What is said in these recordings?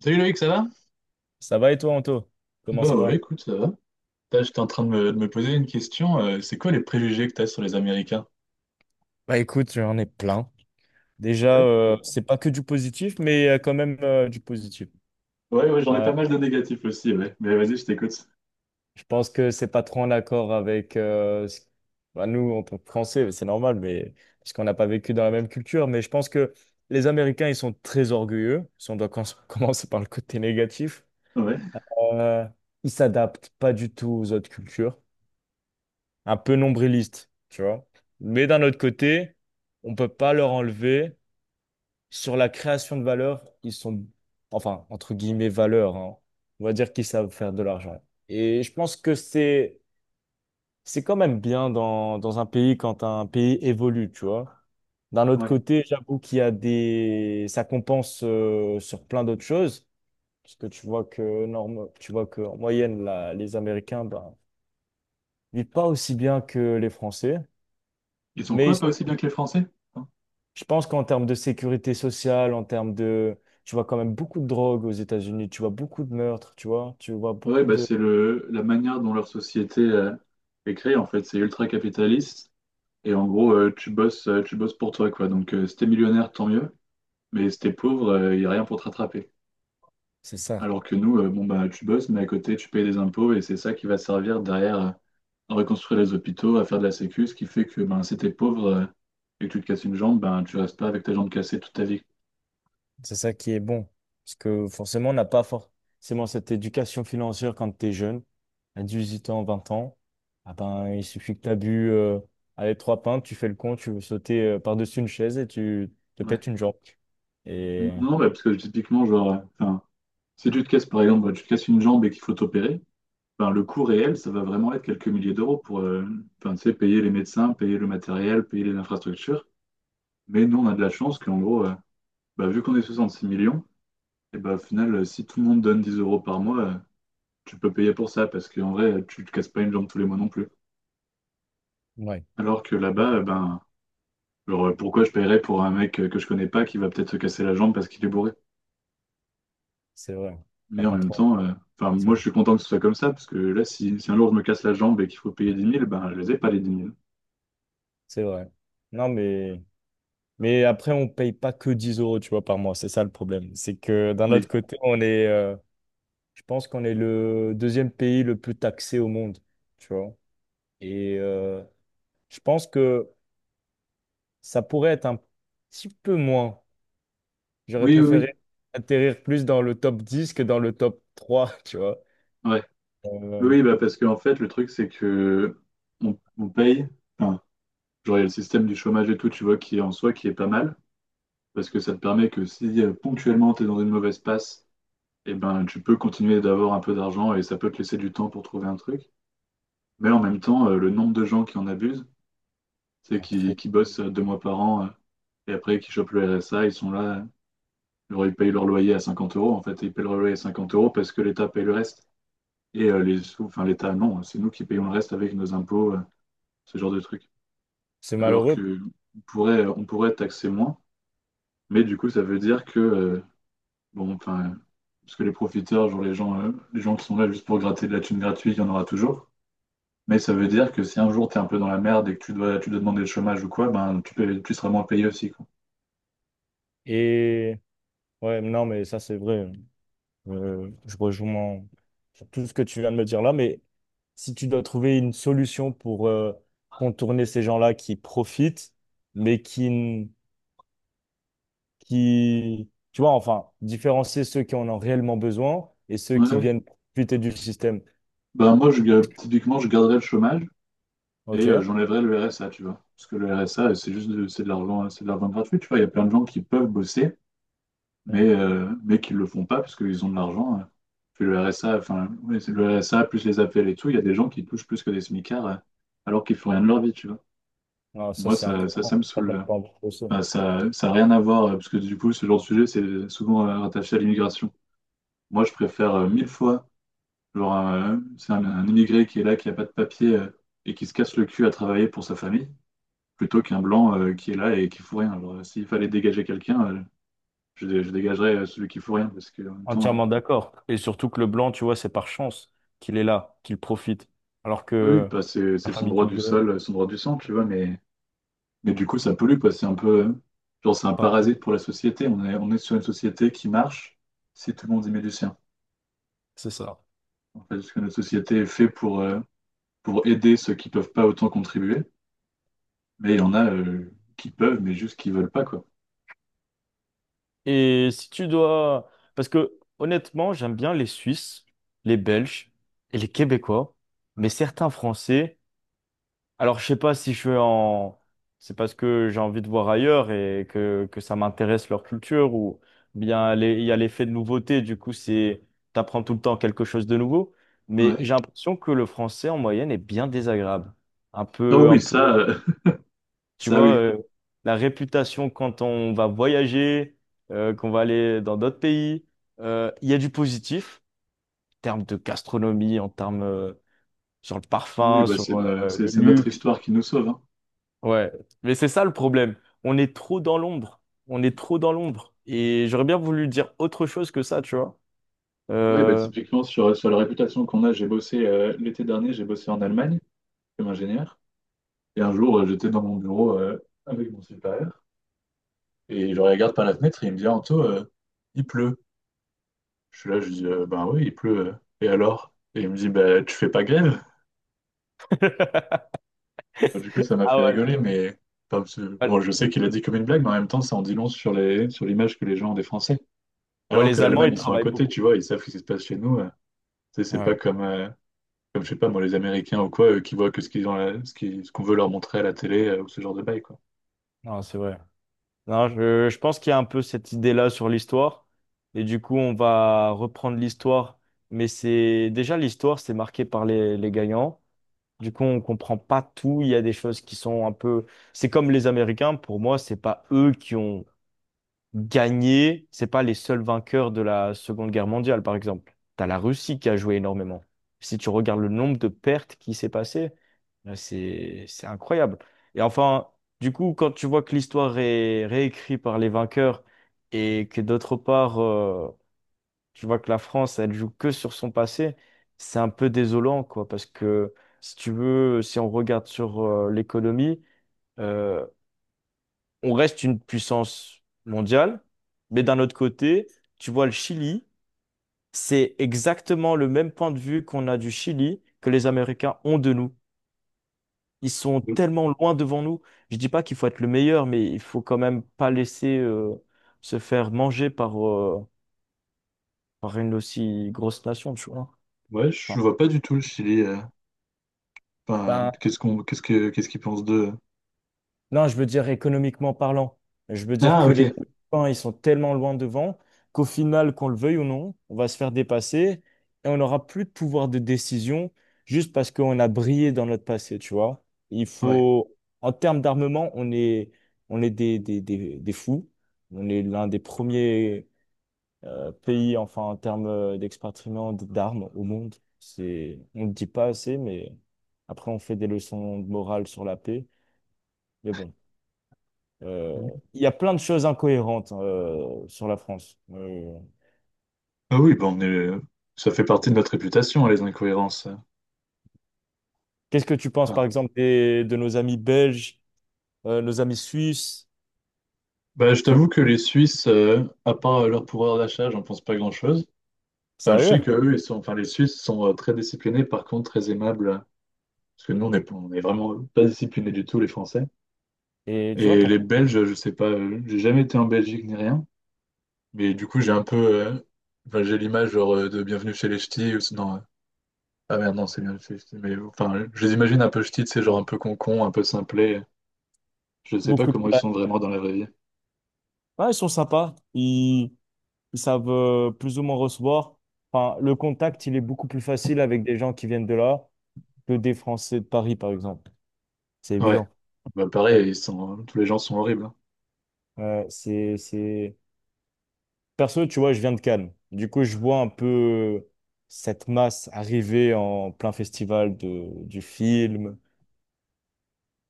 Salut Loïc, ça va? Ça va et toi, Anto? Comment Bah ça ouais, va? écoute, ça va. Là, j'étais en train de me poser une question. C'est quoi les préjugés que t'as sur les Américains? Bah écoute, j'en ai plein. Déjà, Ouais, ouais, c'est pas que du positif, mais il quand même du positif. ouais, ouais, j'en ai Euh, pas mal de négatifs aussi, ouais. Mais vas-y, je t'écoute. je pense que c'est pas trop en accord avec bah, nous en tant que Français, c'est normal, mais parce qu'on n'a pas vécu dans la même culture. Mais je pense que les Américains, ils sont très orgueilleux. Si on doit commencer par le côté négatif, Ouais, euh, ils s'adaptent pas du tout aux autres cultures, un peu nombrilistes, tu vois. Mais d'un autre côté, on peut pas leur enlever. Sur la création de valeur, ils sont, enfin, entre guillemets, valeur, hein. On va dire qu'ils savent faire de l'argent. Et je pense que c'est quand même bien dans un pays quand un pays évolue, tu vois. D'un autre ouais. côté, j'avoue qu'il y a des, ça compense sur plein d'autres choses, parce que tu vois que norme, tu vois que en moyenne, là, les Américains, ben, vivent pas aussi bien que les Français, Ils sont mais ils quoi, pas sont. aussi bien que les Français? Hein. Je pense qu'en termes de sécurité sociale, en termes de... Tu vois quand même beaucoup de drogue aux États-Unis, tu vois beaucoup de meurtres, tu vois, Ouais, beaucoup bah de... c'est le la manière dont leur société est créée, en fait. C'est ultra capitaliste. Et en gros, tu bosses pour toi, quoi. Donc, si t'es millionnaire, tant mieux. Mais si t'es pauvre, il n'y a rien pour te rattraper. C'est ça, Alors que nous, bon bah tu bosses, mais à côté, tu payes des impôts et c'est ça qui va te servir derrière, à reconstruire les hôpitaux, à faire de la sécu, ce qui fait que ben, si t'es pauvre et que tu te casses une jambe, ben, tu restes pas avec ta jambe cassée toute ta vie. c'est ça qui est bon. Parce que forcément, on n'a pas forcément cette éducation financière quand tu es jeune, à 18 ans, 20 ans. Ah ben, il suffit que tu as bu allez, 3 pintes, tu fais le con, tu veux sauter par-dessus une chaise et tu te Ouais. pètes une jambe. Et... Non, bah, parce que typiquement, genre, enfin, si tu te casses par exemple, tu te casses une jambe et qu'il faut t'opérer, ben, le coût réel, ça va vraiment être quelques milliers d'euros pour enfin, tu sais, payer les médecins, payer le matériel, payer les infrastructures. Mais nous, on a de la chance qu'en gros, bah, vu qu'on est 66 millions, et ben au final, si tout le monde donne 10 euros par mois, tu peux payer pour ça parce qu'en vrai, tu te casses pas une jambe tous les mois non plus. Ouais, Alors que ouais, là-bas, ben, genre, pourquoi je paierais pour un mec que je connais pas qui va peut-être se casser la jambe parce qu'il est bourré? c'est vrai. T'as Mais en pas même trop temps, enfin, moi, ça. je suis content que ce soit comme ça, parce que là, si un jour je me casse la jambe et qu'il faut payer dix mille, ben, je les ai pas, les 10 000. C'est vrai. Non, mais... Mais après, on paye pas que 10 euros, tu vois, par mois. C'est ça le problème. C'est que d'un Oui. autre côté, on est, je pense qu'on est le deuxième pays le plus taxé au monde, tu vois. Et euh, je pense que ça pourrait être un petit peu moins. J'aurais Oui, oui, oui. préféré atterrir plus dans le top 10 que dans le top 3. Tu vois. Ouais. Euh, Oui, bah, parce qu'en fait, le truc, c'est que on paye. Enfin, genre, il y a le système du chômage et tout, tu vois, qui est en soi, qui est pas mal, parce que ça te permet que si ponctuellement tu es dans une mauvaise passe, eh ben, tu peux continuer d'avoir un peu d'argent et ça peut te laisser du temps pour trouver un truc. Mais en même temps, le nombre de gens qui en abusent, c'est pas trop. qui bossent 2 mois par an et après qui chopent le RSA, ils sont là. Alors, ils payent leur loyer à 50 euros. En fait, ils payent leur loyer à 50 euros parce que l'État paye le reste. Et les sous, enfin, l'État, non, c'est nous qui payons le reste avec nos impôts, ce genre de truc. C'est Alors malheureux. que on pourrait taxer moins, mais du coup, ça veut dire que, bon, enfin, parce que les profiteurs, genre les gens qui sont là juste pour gratter de la thune gratuite, il y en aura toujours. Mais ça veut dire que si un jour tu es un peu dans la merde et que tu dois demander le chômage ou quoi, ben tu seras moins payé aussi, quoi. Et ouais, non, mais ça, c'est vrai. Je rejoins tout ce que tu viens de me dire là, mais si tu dois trouver une solution pour contourner ces gens-là qui profitent, mais qui, n- qui, tu vois, enfin, différencier ceux qui en ont réellement besoin et ceux Ouais, qui ouais. viennent profiter du système. Ben moi, typiquement, je garderais le chômage et OK? j'enlèverais le RSA, tu vois. Parce que le RSA, c'est de l'argent gratuit, tu vois. Il y a plein de gens qui peuvent bosser, mais, Hmm. euh, mais qui ne le font pas parce qu'ils ont de l'argent. Puis le RSA, enfin, oui, c'est le RSA, plus les appels et tout, il y a des gens qui touchent plus que des smicards alors qu'ils font rien de leur vie, tu vois. Ah, ça, Moi, c'est ça me incohérent. Ça saoule. donne euh. pas envie de bosser. Enfin, ça n'a rien à voir, parce que du coup, ce genre de sujet, c'est souvent rattaché à l'immigration. Moi, je préfère mille fois. Genre, c'est un immigré qui est là, qui n'a pas de papier et qui se casse le cul à travailler pour sa famille, plutôt qu'un blanc qui est là et qui fout rien. Genre, s'il fallait dégager quelqu'un, je dégagerais celui qui fout rien, parce qu'en même temps, Entièrement d'accord. Et surtout que le blanc, tu vois, c'est par chance qu'il est là, qu'il profite. Alors oui, que bah, c'est la c'est son famille droit du d'immigrés, sol, son droit du sang, tu vois, mais du coup, ça pollue, quoi. C'est un peu, genre, c'est un pas. parasite pour la société. On est sur une société qui marche si tout le monde y met du sien. C'est ça. En fait, parce que notre société est faite pour aider ceux qui peuvent pas autant contribuer, mais il y en a qui peuvent, mais juste qui veulent pas, quoi. Et si tu dois... Parce que honnêtement, j'aime bien les Suisses, les Belges et les Québécois, mais certains Français... Alors, je sais pas si je suis en... C'est parce que j'ai envie de voir ailleurs et que ça m'intéresse leur culture ou il y a l'effet de nouveauté, du coup, c'est... T'apprends tout le temps quelque chose de nouveau. Mais Ouais. j'ai l'impression que le français, en moyenne, est bien désagréable. Oh Un oui, peu... ça, Tu ça vois, oui. La réputation quand on va voyager, qu'on va aller dans d'autres pays, il y a du positif en termes de gastronomie, en termes sur le Oui, parfum, bah, sur c'est no- le c'est notre luxe. histoire qui nous sauve. Hein. Ouais, mais c'est ça le problème. On est trop dans l'ombre. On est trop dans l'ombre. Et j'aurais bien voulu dire autre chose que ça, tu vois. Ouais, bah, Euh, typiquement, sur la réputation qu'on a, j'ai bossé l'été dernier, j'ai bossé en Allemagne comme ingénieur. Et un jour, j'étais dans mon bureau avec mon supérieur. Et je regarde par la fenêtre et il me dit, Anto, il pleut. Je suis là, je dis, ben oui, il pleut. Et alors? Et il me dit, bah, tu fais pas grève? Bon, du coup, ça m'a Ah fait ouais. rigoler, mais enfin, bon, je Ouais. sais qu'il a dit comme une blague, mais en même temps, ça en dit long sur sur l'image que les gens ont des Français. Bon, Alors que les Allemands, l'Allemagne, ils ils sont à travaillent côté, beaucoup. tu vois, ils savent ce qui se passe chez nous. C'est pas Ouais, comme, comme, je sais pas, moi, les Américains ou quoi, eux, qui voient que ce qu'ils ont, à la- ce qui- ce qu'on veut leur montrer à la télé ou ce genre de bail, quoi. non, c'est vrai. Non, je pense qu'il y a un peu cette idée-là sur l'histoire. Et du coup, on va reprendre l'histoire. Mais c'est déjà l'histoire, c'est marqué par les gagnants. Du coup, on comprend pas tout. Il y a des choses qui sont un peu. C'est comme les Américains. Pour moi, c'est pas eux qui ont gagner, c'est pas les seuls vainqueurs de la Seconde Guerre mondiale, par exemple. T'as la Russie qui a joué énormément. Si tu regardes le nombre de pertes qui s'est passé, là, c'est incroyable. Et enfin, du coup, quand tu vois que l'histoire est réécrite par les vainqueurs et que d'autre part, tu vois que la France, elle joue que sur son passé, c'est un peu désolant, quoi, parce que si tu veux, si on regarde sur l'économie. euh, on reste une puissance mondiale, mais d'un autre côté, tu vois, le Chili, c'est exactement le même point de vue qu'on a du Chili que les Américains ont de nous. Ils sont Donc, tellement loin devant nous. Je dis pas qu'il faut être le meilleur, mais il faut quand même pas laisser se faire manger par une aussi grosse nation, tu vois. ouais, Enfin, je vois pas du tout le Chili. Enfin, Ben, qu'est-ce qu'ils pensent d'eux? Non, je veux dire économiquement parlant. Je veux dire Ah, que les ok. Américains, ils sont tellement loin devant qu'au final, qu'on le veuille ou non, on va se faire dépasser et on n'aura plus de pouvoir de décision juste parce qu'on a brillé dans notre passé, tu vois. Il Ouais. faut, en termes d'armement, on est des fous. On est l'un des premiers pays, enfin, en termes d'expatriement d'armes au monde. C'est, on ne le dit pas assez, mais après, on fait des leçons de morale sur la paix. Mais bon. Euh, Il y a plein de choses incohérentes sur la France. Ah oui, bon, ça fait partie de notre réputation, hein, les incohérences. Qu'est-ce que tu penses, Enfin, par exemple, de nos amis belges, nos amis suisses? bah, je Tu vois, t'avoue que les Suisses, à part leur pouvoir d'achat, j'en pense pas grand-chose. Enfin, je sérieux? sais que eux, enfin, les Suisses sont très disciplinés, par contre, très aimables. Parce que nous, on est vraiment pas disciplinés du tout, les Français. Et tu vois Et les pourquoi? Belges, je sais pas, j'ai jamais été en Belgique ni rien, mais du coup j'ai enfin, j'ai l'image genre de Bienvenue chez les Ch'tis, ou sinon, ah merde non c'est Bienvenue chez les Ch'tis, mais enfin je les imagine un peu ch'tis, c'est genre un Oh, peu concon, un peu simplet, je sais pas beaucoup de comment ils sont blagues. vraiment dans la vraie vie. Ouais, ils sont sympas. Ils savent plus ou moins recevoir. Enfin, le contact, il est beaucoup plus facile avec des gens qui viennent de là que des Français de Paris, par exemple. C'est Ouais, évident. bah Ouais. pareil, tous les gens sont horribles. Hein. C'est... Perso, tu vois, je viens de Cannes. Du coup, je vois un peu cette masse arriver en plein festival de, du film.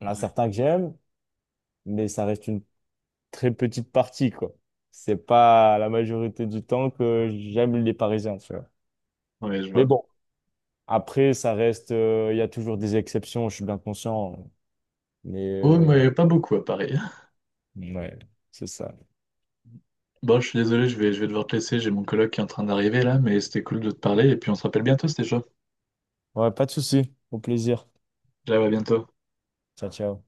Il y en a Ouais, certains que j'aime, mais ça reste une très petite partie, quoi. C'est pas la majorité du temps que j'aime les Parisiens, tu vois. ouais je Mais vois. bon, après, ça reste, il y a toujours des exceptions, je suis bien conscient. Hein. Mais Oh mais pas beaucoup à Paris. ouais, c'est ça. Bon je suis désolé, je vais devoir te laisser, j'ai mon coloc qui est en train d'arriver là, mais c'était cool de te parler, et puis on se rappelle bientôt, c'était chaud. Ouais, pas de souci. Au plaisir. Ciao, à bientôt. Ciao, ciao.